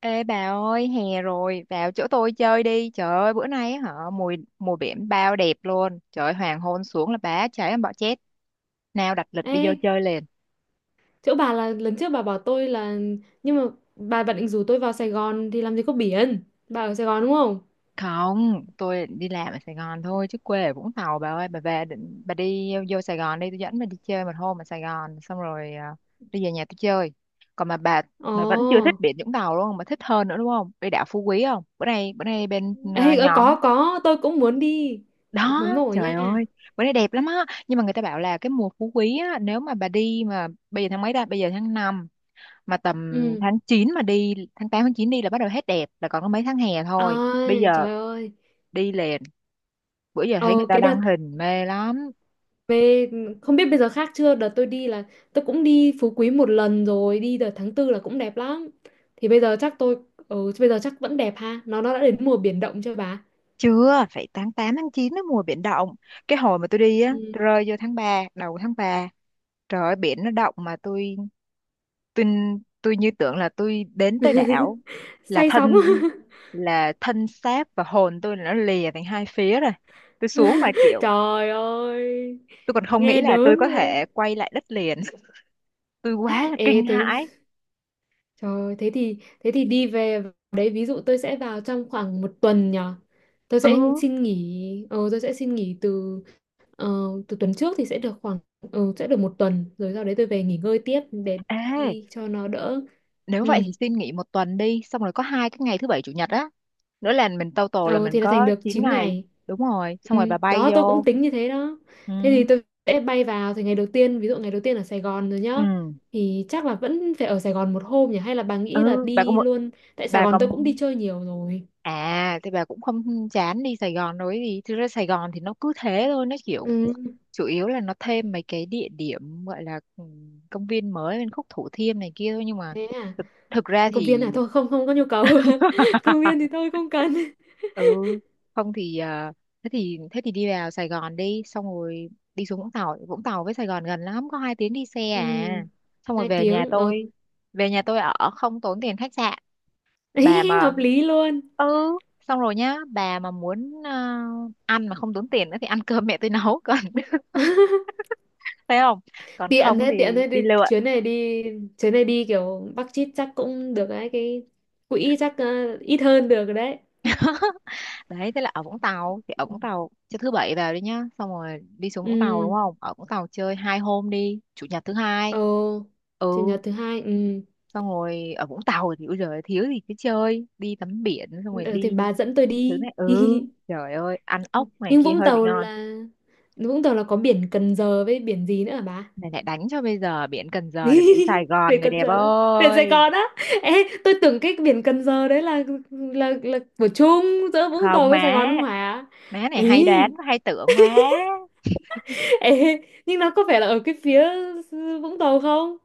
Ê bà ơi, hè rồi, vào chỗ tôi chơi đi. Trời ơi, bữa nay á hả, mùi mùa biển bao đẹp luôn. Trời ơi, hoàng hôn xuống là bá cháy em bỏ chết. Nào đặt lịch Ê, đi vô chơi liền. chỗ bà là lần trước bà bảo tôi là nhưng mà bà định rủ tôi vào Sài Gòn thì làm gì có biển. Bà ở Sài Gòn đúng không? Không, tôi đi làm ở Sài Gòn thôi chứ quê ở Vũng Tàu bà ơi, bà về định bà đi vô Sài Gòn đi, tôi dẫn bà đi chơi một hôm ở Sài Gòn xong rồi à, đi về nhà tôi chơi. Còn mà bà vẫn chưa thích Ồ. biển Vũng Tàu luôn mà thích hơn nữa đúng không? Đi đảo Phú Quý không? Bữa nay Ê, nhóm có, tôi cũng muốn đi. đó, Nóng nổi trời nha. ơi bữa nay đẹp lắm á. Nhưng mà người ta bảo là cái mùa phú quý á, nếu mà bà đi mà bây giờ tháng mấy ta? Bây giờ tháng 5 mà tầm Ừ. tháng 9 mà đi, tháng 8 tháng 9 đi là bắt đầu hết đẹp, là còn có mấy tháng hè thôi, bây Ôi, giờ trời ơi. đi liền. Bữa giờ thấy người Ồ, ta cái đăng đợt hình mê lắm. về không biết bây giờ khác chưa, đợt tôi đi là tôi cũng đi Phú Quý một lần rồi, đi đợt tháng tư là cũng đẹp lắm. Thì bây giờ chắc tôi bây giờ chắc vẫn đẹp ha. Nó đã đến mùa biển động chưa bà? Chưa, phải tháng 8 tháng 9 nó mùa biển động. Cái hồi mà tôi đi á, Ừ. tôi rơi vô tháng 3 đầu tháng ba, trời ơi biển nó động mà tôi tôi như tưởng là tôi đến tới đảo là Say sóng. thân là thân xác và hồn tôi là nó lìa thành hai phía rồi, tôi xuống mà kiểu Trời ơi, tôi còn không nghĩ nghe là tôi đớn có rồi. thể quay lại đất liền tôi quá là Ê kinh thế hãi. trời ơi, thế thì đi về đấy, ví dụ tôi sẽ vào trong khoảng một tuần nhở. Tôi Ừ. sẽ xin nghỉ, tôi sẽ xin nghỉ từ ờ, từ tuần trước thì sẽ được khoảng sẽ được một tuần, rồi sau đấy tôi về nghỉ ngơi tiếp để Ê, đi cho nó đỡ. nếu vậy Ừ, thì xin nghỉ một tuần đi, xong rồi có hai cái ngày thứ bảy chủ nhật á, nữa là mình total là ờ mình thì là thành có được chín 9 ngày ngày. Đúng rồi, xong rồi Ừ, bà bay đó tôi cũng vô. tính như thế đó, Ừ. thế thì tôi sẽ bay vào thì ngày đầu tiên, ví dụ ngày đầu tiên ở Sài Gòn rồi nhá, Ừ. thì chắc là vẫn phải ở Sài Gòn một hôm nhỉ, hay là bà nghĩ là Ừ. bà có đi một luôn, tại Sài bà Gòn có tôi cũng đi chơi nhiều rồi. À, thì bà cũng không chán đi Sài Gòn nói gì. Thực ra Sài Gòn thì nó cứ thế thôi, nó kiểu Ừ. chủ yếu là nó thêm mấy cái địa điểm gọi là công viên mới bên khúc Thủ Thiêm này kia thôi, nhưng mà Thế à? thực ra Công viên thì à? Thôi không, không có nhu cầu. Công viên thì tôi không cần. ừ không thì thế thì đi vào Sài Gòn đi, xong rồi đi xuống Vũng Tàu. Vũng Tàu với Sài Gòn gần lắm, có 2 tiếng đi xe Ừ, à. Xong rồi hai về nhà tiếng ở. tôi, về nhà tôi ở không tốn tiền khách sạn. bà mà Hợp lý luôn. ừ xong rồi nhá, bà mà muốn ăn mà không tốn tiền nữa thì ăn cơm mẹ tôi nấu còn thấy không? Còn Tiện không thế, tiện thì thế, đi đi lượn. chuyến này đi, chuyến này đi kiểu Bắc chít chắc cũng được đấy, cái quỹ chắc ít hơn được rồi đấy. Đấy, thế là ở Vũng Tàu thì ở Vũng Tàu cho thứ bảy vào đi nhá, xong rồi đi xuống Vũng Tàu đúng Ừ. không? Ở Vũng Tàu chơi 2 hôm đi, chủ nhật thứ Ồ, hai. chủ Ừ, nhật thứ hai ừ. xong rồi ở Vũng Tàu thì bây giờ thiếu gì, cứ chơi đi tắm biển xong rồi Ừ, thì đi bà dẫn tôi thứ đi. này. Ừ, trời ơi ăn ốc này Nhưng kia Vũng hơi bị Tàu ngon. là, có biển Cần Giờ với biển gì nữa hả bà? Này lại đánh cho, bây giờ biển Cần Giờ là biển Sài Gòn Biển người Cần đẹp Giờ là biển Sài ơi. Gòn á. Ê, tôi tưởng cái biển Cần Giờ đấy là của chung giữa Vũng Tàu Không với Sài má, Gòn không hả? má này hay Ý, đoán và hay tưởng quá. ê, nhưng nó có phải là ở cái phía Vũng Tàu không?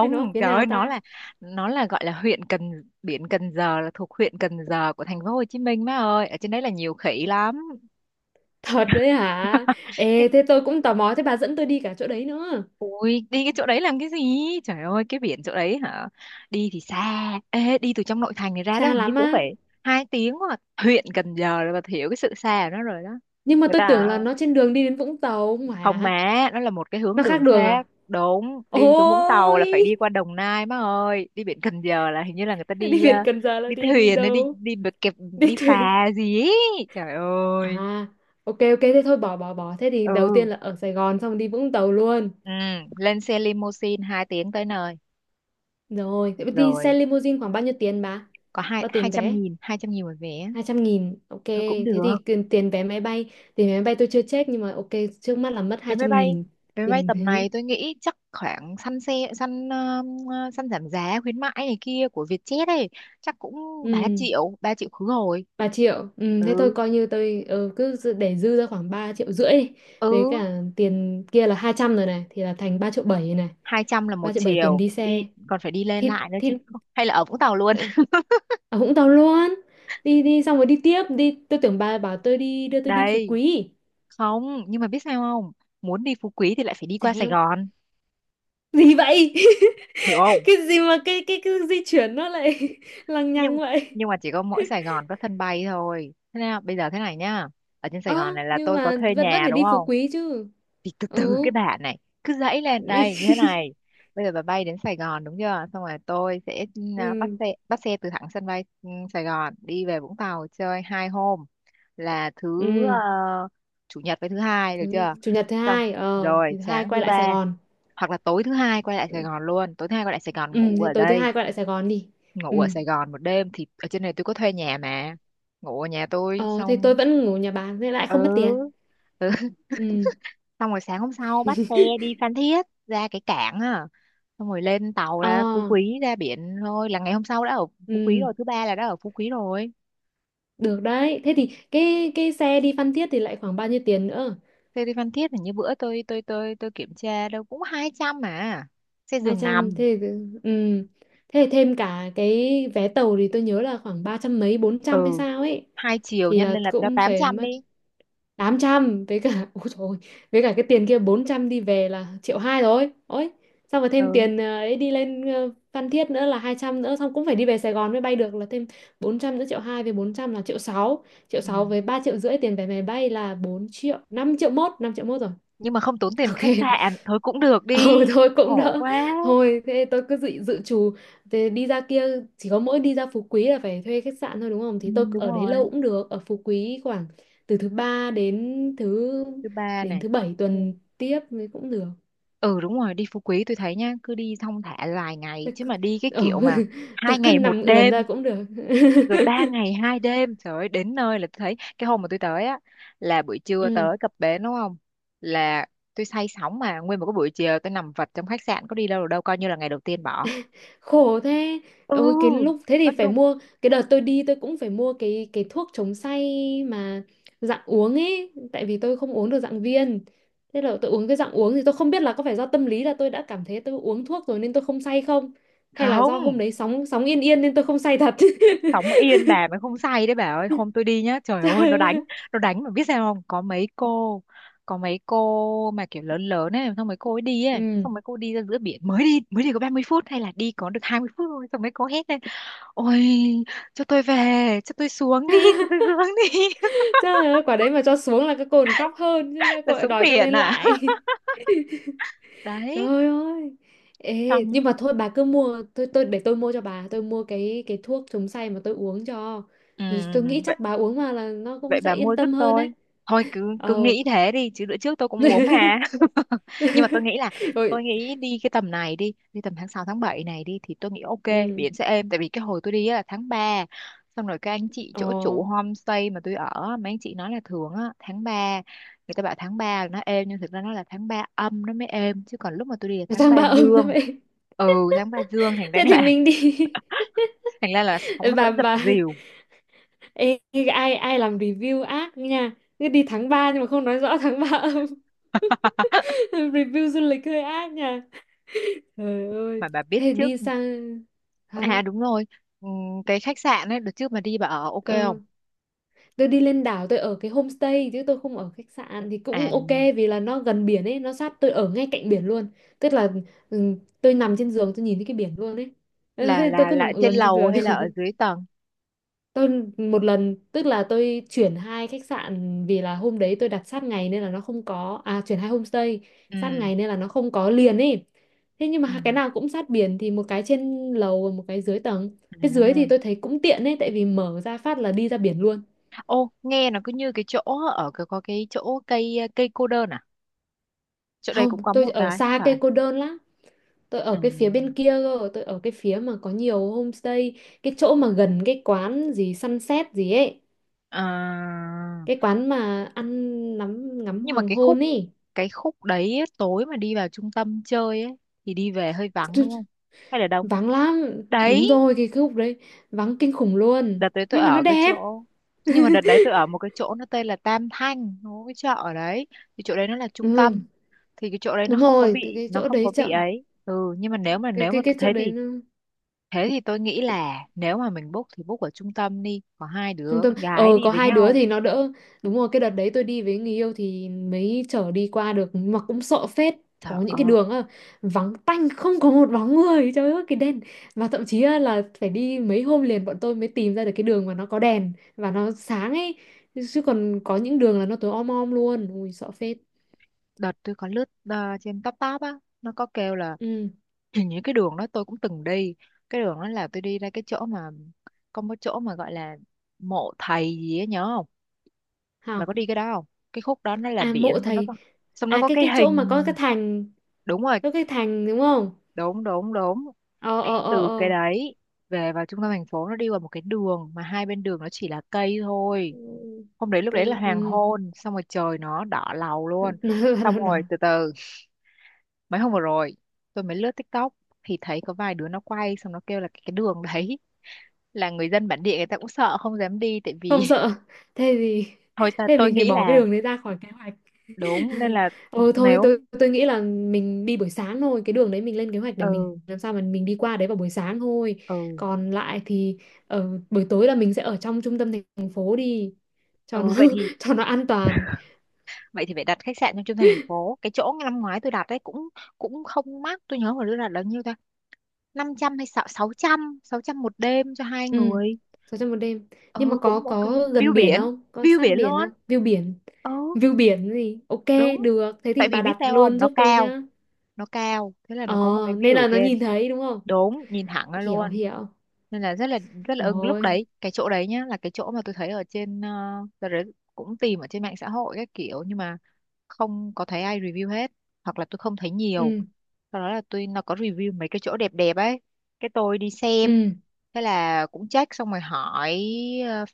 Hay nó ở phía trời nào ơi, nó ta? là nó là gọi là huyện Cần, biển Cần Giờ là thuộc huyện Cần Giờ của thành phố Hồ Chí Minh má ơi. Ở trên đấy là nhiều khỉ lắm. Thật đấy hả? Cái Ê, thế tôi cũng tò mò, thế bà dẫn tôi đi cả chỗ đấy nữa. ui, đi cái chỗ đấy làm cái gì? Trời ơi, cái biển chỗ đấy hả? Đi thì xa. Ê, đi từ trong nội thành này ra Xa đó hình như lắm cũng á. phải 2 tiếng, hoặc huyện Cần Giờ rồi bà hiểu cái sự xa của nó rồi đó. Nhưng mà Người tôi ta tưởng là nó trên đường đi đến Vũng Tàu không mà. má, nó là một cái hướng Nó khác đường đường à? khác, đúng, đi xuống Vũng Tàu Ôi! là phải đi qua Đồng Nai má ơi, đi biển Cần Giờ là hình như là người ta Đi đi biển Cần Giờ là đi đi đi thuyền hay đi đâu? đi bờ kẹp, Đi đi thuyền. phà gì ấy. Trời À, ơi. ok ok, thế thôi, bỏ bỏ bỏ. Thế thì đầu Ừ. tiên là ở Sài Gòn, xong đi Vũng Tàu luôn. Ừ. Lên xe limousine 2 tiếng tới nơi. Rồi, thế đi xe Rồi, limousine khoảng bao nhiêu tiền bà? có hai Bao hai tiền trăm vé? nghìn 200.000 một vé. 200.000. Ok, Thôi cũng thế được. thì tiền vé máy bay. Tiền vé máy bay tôi chưa check, nhưng mà ok, trước mắt là mất vé hai máy trăm bay nghìn. vé máy bay Tiền tầm thế. này tôi nghĩ chắc khoảng săn xe săn ờ, ờ, săn giảm giá khuyến mãi này kia của Vietjet ấy, chắc cũng ba Ừ. triệu ba triệu khứ hồi. Ba triệu thế thôi Ừ. coi như tôi cứ để dư ra khoảng 3,5 triệu đi. Ừ. Với cả tiền kia là 200 rồi này, thì là thành 3 triệu bảy này, 200 là một 3,7 triệu tiền chiều đi đi xe còn phải đi lên thì lại nữa thì chứ. Hay là ở Vũng Tàu luôn. ờ, ở Vũng Tàu luôn, đi đi xong rồi đi tiếp đi, tôi tưởng bà bảo tôi đi, đưa tôi đi Phú đây Quý. không nhưng mà biết sao không, muốn đi Phú Quý thì lại phải đi qua Sài Sao? Gòn. Gì vậy? Hiểu không? Cái gì mà cái di chuyển nó lại lằng nhằng nhưng vậy? nhưng mà chỉ có mỗi Sài Gòn có sân bay thôi. Thế nào bây giờ, thế này nhá, ở trên Sài Ơ, Gòn này là nhưng tôi có mà thuê vẫn vẫn nhà phải đúng đi Phú không, Quý chứ. thì từ từ cái Ừ. bà này, cứ dãy lên đây như thế này. Bây giờ bà bay đến Sài Gòn đúng chưa, xong rồi tôi sẽ bắt Ừ xe bắt xe từ thẳng sân bay Sài Gòn đi về Vũng Tàu chơi 2 hôm, là ừ. Chủ nhật với thứ hai được chưa? Chủ nhật thứ Xong hai, rồi thì thứ hai sáng quay thứ lại ba Sài Gòn. hoặc là tối thứ hai quay lại Sài Gòn luôn, tối thứ hai quay lại Sài Gòn Ừ, ngủ thì ở tối thứ đây. hai quay lại Sài Gòn đi. Ừ. Ngủ ở Sài Gòn một đêm, thì ở trên này tôi có thuê nhà mà, ngủ ở nhà tôi ờ thì tôi xong. vẫn ngủ nhà bà nên lại Ừ. không mất tiền. Ừ, Ừ. xong rồi sáng hôm sau bắt xe đi Phan Thiết, ra cái cảng à, xong rồi lên tàu Ờ. ra Phú Quý, ra biển thôi, là ngày hôm sau đã ở Phú Quý Ừ. rồi, thứ ba là đã ở Phú Quý rồi. Được đấy, thế thì cái xe đi Phan Thiết thì lại khoảng bao nhiêu tiền nữa? Xe đi Phan Thiết là như bữa tôi kiểm tra đâu cũng 200 mà, xe hai giường trăm, nằm. thế thì, ừ, thế thì thêm cả cái vé tàu thì tôi nhớ là khoảng 300 mấy, 400 hay Ừ, sao ấy, hai chiều thì nhân là lên là cho cũng tám phải trăm mất đi. 800, với cả ôi trời ơi, với cả cái tiền kia 400 đi về là 1,2 triệu rồi. Ôi, xong rồi thêm Ừ. tiền ấy đi lên Phan Thiết nữa là 200 nữa, xong cũng phải đi về Sài Gòn mới bay được là thêm 400 nữa, 1,2 triệu với 400 là 1,6 triệu Ừ, sáu với 3,5 triệu tiền vé máy bay là 4 triệu, 5,1 triệu, 5,1 triệu rồi. nhưng mà không tốn tiền Ok. khách sạn thôi cũng được Ừ, đi, thôi cũng khổ đỡ. quá. Thôi thế tôi cứ dự trù thế. Đi ra kia, chỉ có mỗi đi ra Phú Quý là phải thuê khách sạn thôi đúng không? Ừ, Thì tôi đúng ở đấy lâu rồi, cũng được. Ở Phú Quý khoảng từ thứ ba thứ ba Đến này, thứ thứ bảy tư, tuần tiếp thì cũng được. ừ đúng rồi, đi Phú Quý tôi thấy nhá, cứ đi thong thả vài ngày tôi chứ cứ, mà đi cái ừ, kiểu mà tôi hai cứ ngày một nằm ườn ra đêm cũng được. rồi ba ngày hai đêm. Trời ơi, đến nơi là tôi thấy cái hôm mà tôi tới á là buổi trưa Ừ. tới cập bến đúng không, là tôi say sóng mà nguyên một cái buổi chiều tôi nằm vật trong khách sạn, có đi đâu được đâu, coi như là ngày đầu tiên bỏ. Khổ thế. Ừ, Ôi, cái lúc thế thì nó phải đúng mua, cái đợt tôi đi tôi cũng phải mua cái thuốc chống say mà dạng uống ấy, tại vì tôi không uống được dạng viên, thế là tôi uống cái dạng uống, thì tôi không biết là có phải do tâm lý, là tôi đã cảm thấy tôi uống thuốc rồi nên tôi không say không, hay là do hôm không, đấy sóng sóng yên yên nên tôi không say thật. sống yên bà mới không say đấy bà ơi. Hôm tôi đi nhá, trời Trời ơi nó đánh, ơi. nó đánh mà biết sao không, có mấy cô, có mấy cô mà kiểu lớn lớn ấy, xong mấy cô ấy đi ấy, Ừ. xong mấy cô đi ra giữa biển mới đi, mới đi có 30 phút hay là đi có được 20 phút thôi, xong mấy cô hét lên, ôi cho tôi về, cho tôi xuống đi cho tôi xuống đi Trời ơi, quả đấy mà cho xuống là các cô còn khóc hơn chứ, các là cô lại xuống đòi cho biển lên à? lại. Đấy, Trời ơi. Ê, nhưng xong. mà thôi bà cứ mua, tôi để tôi mua cho bà, tôi mua cái thuốc chống say mà tôi uống cho. Tôi nghĩ Ừ, chắc bà uống vào là nó vậy cũng sẽ bà mua yên giúp tâm hơn tôi, đấy. thôi cứ cứ Ờ. nghĩ thế đi chứ bữa trước tôi cũng uống mà nhưng mà tôi nghĩ là Rồi, tôi nghĩ đi cái tầm này đi đi tầm tháng 6 tháng 7 này đi thì tôi nghĩ ok, ừ. biển sẽ êm tại vì cái hồi tôi đi á là tháng ba, xong rồi các anh chị Ờ, chỗ chủ homestay mà tôi ở á, mấy anh chị nói là thường á tháng ba, người ta bảo tháng 3 là nó êm nhưng thực ra nó là tháng ba âm nó mới êm, chứ còn lúc mà tôi đi là Nó tháng sang 3 ba âm đó dương. vậy. Ừ, tháng 3 dương thành ra Thế thì là mình đi. thành ra là sóng nó vẫn Bà dập bà dìu ê, ai ai làm review ác nha. Cứ đi tháng 3 nhưng mà không nói rõ tháng 3 âm. Review du lịch hơi ác nha. Trời ơi. mà bà biết Thế trước. đi sang À hả? đúng rồi, cái khách sạn ấy, đợt trước mà đi bà ở ok không? Ừ, tôi đi lên đảo tôi ở cái homestay chứ tôi không ở khách sạn thì cũng À ok, vì là nó gần biển ấy, nó sát, tôi ở ngay cạnh biển luôn. Tức là ừ, tôi nằm trên giường tôi nhìn thấy cái biển luôn ấy. Ừ, thế là nên tôi là cứ là nằm trên ườn trên lầu giường. hay là ở dưới tầng? Tôi một lần, tức là tôi chuyển 2 khách sạn, vì là hôm đấy tôi đặt sát ngày nên là nó không có, chuyển 2 homestay, sát Ừ. ngày nên là nó không có liền ấy. Thế nhưng Ừ. mà cái nào cũng sát biển, thì một cái trên lầu và một cái dưới tầng. Cái dưới thì À. tôi thấy cũng tiện ấy, tại vì mở ra phát là đi ra biển luôn. Ô, nghe nó cứ như cái chỗ, ở cái có cái chỗ cây cây cô đơn à? Chỗ đây Không, cũng có tôi một ở cái không xa phải? cây cô đơn lắm. Tôi Ừ. ở cái phía bên kia cơ, tôi ở cái phía mà có nhiều homestay, cái chỗ mà gần cái quán gì sunset gì ấy, À. cái quán mà ăn ngắm ngắm Nhưng mà hoàng cái khúc hôn ấy. cái khúc đấy ấy, tối mà đi vào trung tâm chơi ấy thì đi về hơi vắng Chứ- đúng không? Hay là đông? Vắng lắm, Đấy, đúng rồi cái khúc đấy, vắng kinh khủng luôn. đợt đấy tôi Nhưng mà nó ở cái đẹp. chỗ nhưng mà đợt đấy tôi ở một cái chỗ nó tên là Tam Thanh, nó có cái chợ ở đấy, thì chỗ đấy nó là trung tâm, Ừ, thì cái chỗ đấy nó đúng không có rồi, từ bị cái nó chỗ không đấy có bị chậm, ấy. Ừ, nhưng mà nếu mà cái nếu cái mà cái thế chỗ đấy thì nó thế thì tôi nghĩ là nếu mà mình book thì book ở trung tâm đi, có hai trung đứa tâm, con gái đi có với 2 đứa nhau. thì nó đỡ, đúng rồi cái đợt đấy tôi đi với người yêu thì mới chở đi qua được, nhưng mà cũng sợ phết. Trời Có những cái ơi, đường á, vắng tanh không có một bóng người, trời ơi cái đèn, và thậm chí á, là phải đi mấy hôm liền bọn tôi mới tìm ra được cái đường mà nó có đèn và nó sáng ấy, chứ còn có những đường là nó tối om om luôn, ui sợ phết. đợt tôi có lướt trên top top á, nó có kêu là Ừ. hình như cái đường đó tôi cũng từng đi, cái đường đó là tôi đi ra cái chỗ mà có một chỗ mà gọi là mộ thầy gì ấy, nhớ không? Bà có Hảo. đi cái đó không? Cái khúc đó nó là À, biển, mộ xong nó thầy. có xong nó À, có cái cái cái chỗ mà có hình. cái thành, Đúng rồi, có cái thành đúng không. đúng đúng đúng. Ờ ờ ờ Từ cái ờ. đấy về vào trung tâm thành phố nó đi qua một cái đường mà hai bên đường nó chỉ là cây thôi. Ừ, Hôm đấy lúc đấy là hoàng ừ. hôn, xong rồi trời nó đỏ lầu luôn. Xong Đó, rồi từ từ mấy hôm vừa rồi tôi mới lướt TikTok thì thấy có vài đứa nó quay, xong nó kêu là cái đường đấy là người dân bản địa người ta cũng sợ không dám đi tại vì không sợ, thế thì thôi ta thế tôi mình phải nghĩ bỏ cái là đường đấy ra khỏi kế hoạch. đúng, nên là Ừ, thôi nếu. tôi nghĩ là mình đi buổi sáng thôi, cái đường đấy mình lên kế hoạch để mình Ừ. làm sao mà mình đi qua đấy vào buổi sáng thôi. Ừ. Còn lại thì ở buổi tối là mình sẽ ở trong trung tâm thành phố đi, cho nó Ừ, vậy thì cho nó an toàn. vậy thì phải đặt khách sạn trong trung thành thành phố, cái chỗ năm ngoái tôi đặt đấy cũng cũng không mắc. Tôi nhớ hồi đó là bao nhiêu ta, 500 hay sáu sáu trăm 600 một đêm cho hai Ừ. người. 600 một đêm. Nhưng mà Ừ có cũng ok. có gần View biển biển, không, có view sát biển biển luôn. không, View biển, Ừ view biển gì ok. đúng. Được, thế Tại thì vì bà biết đặt sao không, luôn nó giúp tôi cao, nhá. nó cao thế là ờ nó có một cái Nên view ở là nó trên. nhìn thấy đúng không. Đúng, nhìn thẳng ra Hiểu, luôn, hiểu. nên là rất là rất là Hiểu ưng lúc rồi. đấy, cái chỗ đấy nhá là cái chỗ mà tôi thấy ở trên đợt đấy cũng tìm ở trên mạng xã hội các kiểu nhưng mà không có thấy ai review hết, hoặc là tôi không thấy nhiều. Ừ. Sau đó là tôi, nó có review mấy cái chỗ đẹp đẹp ấy, cái tôi đi xem, Ừ. thế là cũng check xong rồi hỏi ờ,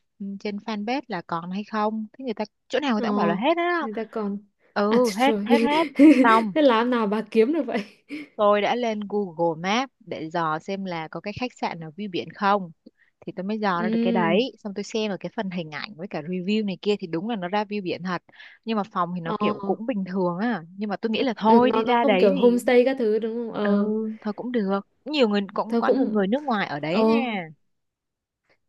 trên fanpage là còn hay không, thế người ta chỗ nào người Ờ. ta cũng bảo là hết á. Người ta còn? À Ừ hết trời hết ơi. hết. Xong Thế làm nào bà kiếm được vậy? tôi đã lên Google Maps để dò xem là có cái khách sạn nào view biển không. Thì tôi mới dò ra được cái Ừ. đấy. Xong tôi xem ở cái phần hình ảnh với cả review này kia thì đúng là nó ra view biển thật. Nhưng mà phòng thì nó Ờ, kiểu cũng bình thường á. Nhưng mà tôi nghĩ là ừ, thôi nó đi nó ra không đấy kiểu thì homestay các thứ đúng không, ừ ờ, thôi cũng được. Nhiều người cũng thôi có nhiều cũng người nước ngoài ở ờ, đấy nha.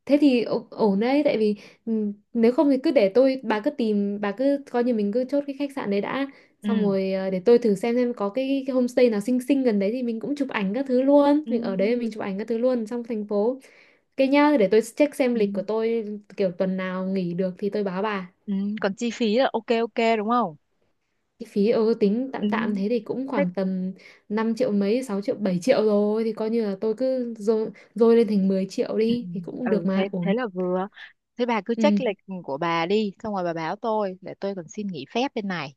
thế thì ổn đấy, tại vì ừ, nếu không thì cứ để tôi bà cứ tìm, bà cứ coi như mình cứ chốt cái khách sạn đấy đã, xong Ừ. rồi để tôi thử xem có cái homestay nào xinh xinh gần đấy thì mình cũng chụp ảnh các thứ luôn, Ừ. mình ở đấy mình chụp ảnh các thứ luôn trong thành phố. Cái nhá, để tôi check xem Ừ. lịch của tôi kiểu tuần nào nghỉ được thì tôi báo bà. Ừ. Còn chi phí là ok ok đúng không? Cái phí tính Ừ. tạm tạm thế thì cũng Thế khoảng tầm 5 triệu mấy, 6 triệu, 7 triệu rồi. Thì coi như là tôi cứ dôi lên thành 10 triệu Ừ. đi. Thì cũng được Ừ, thế mà, thế ổn. là vừa. Thế bà cứ Ừ, check lịch của bà đi, xong rồi bà báo tôi để tôi còn xin nghỉ phép bên này,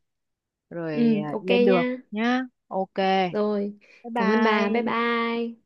rồi ừ, à, ok lên đường nha. nhá. Ok. Rồi, Bye cảm ơn bà, bye bye. bye.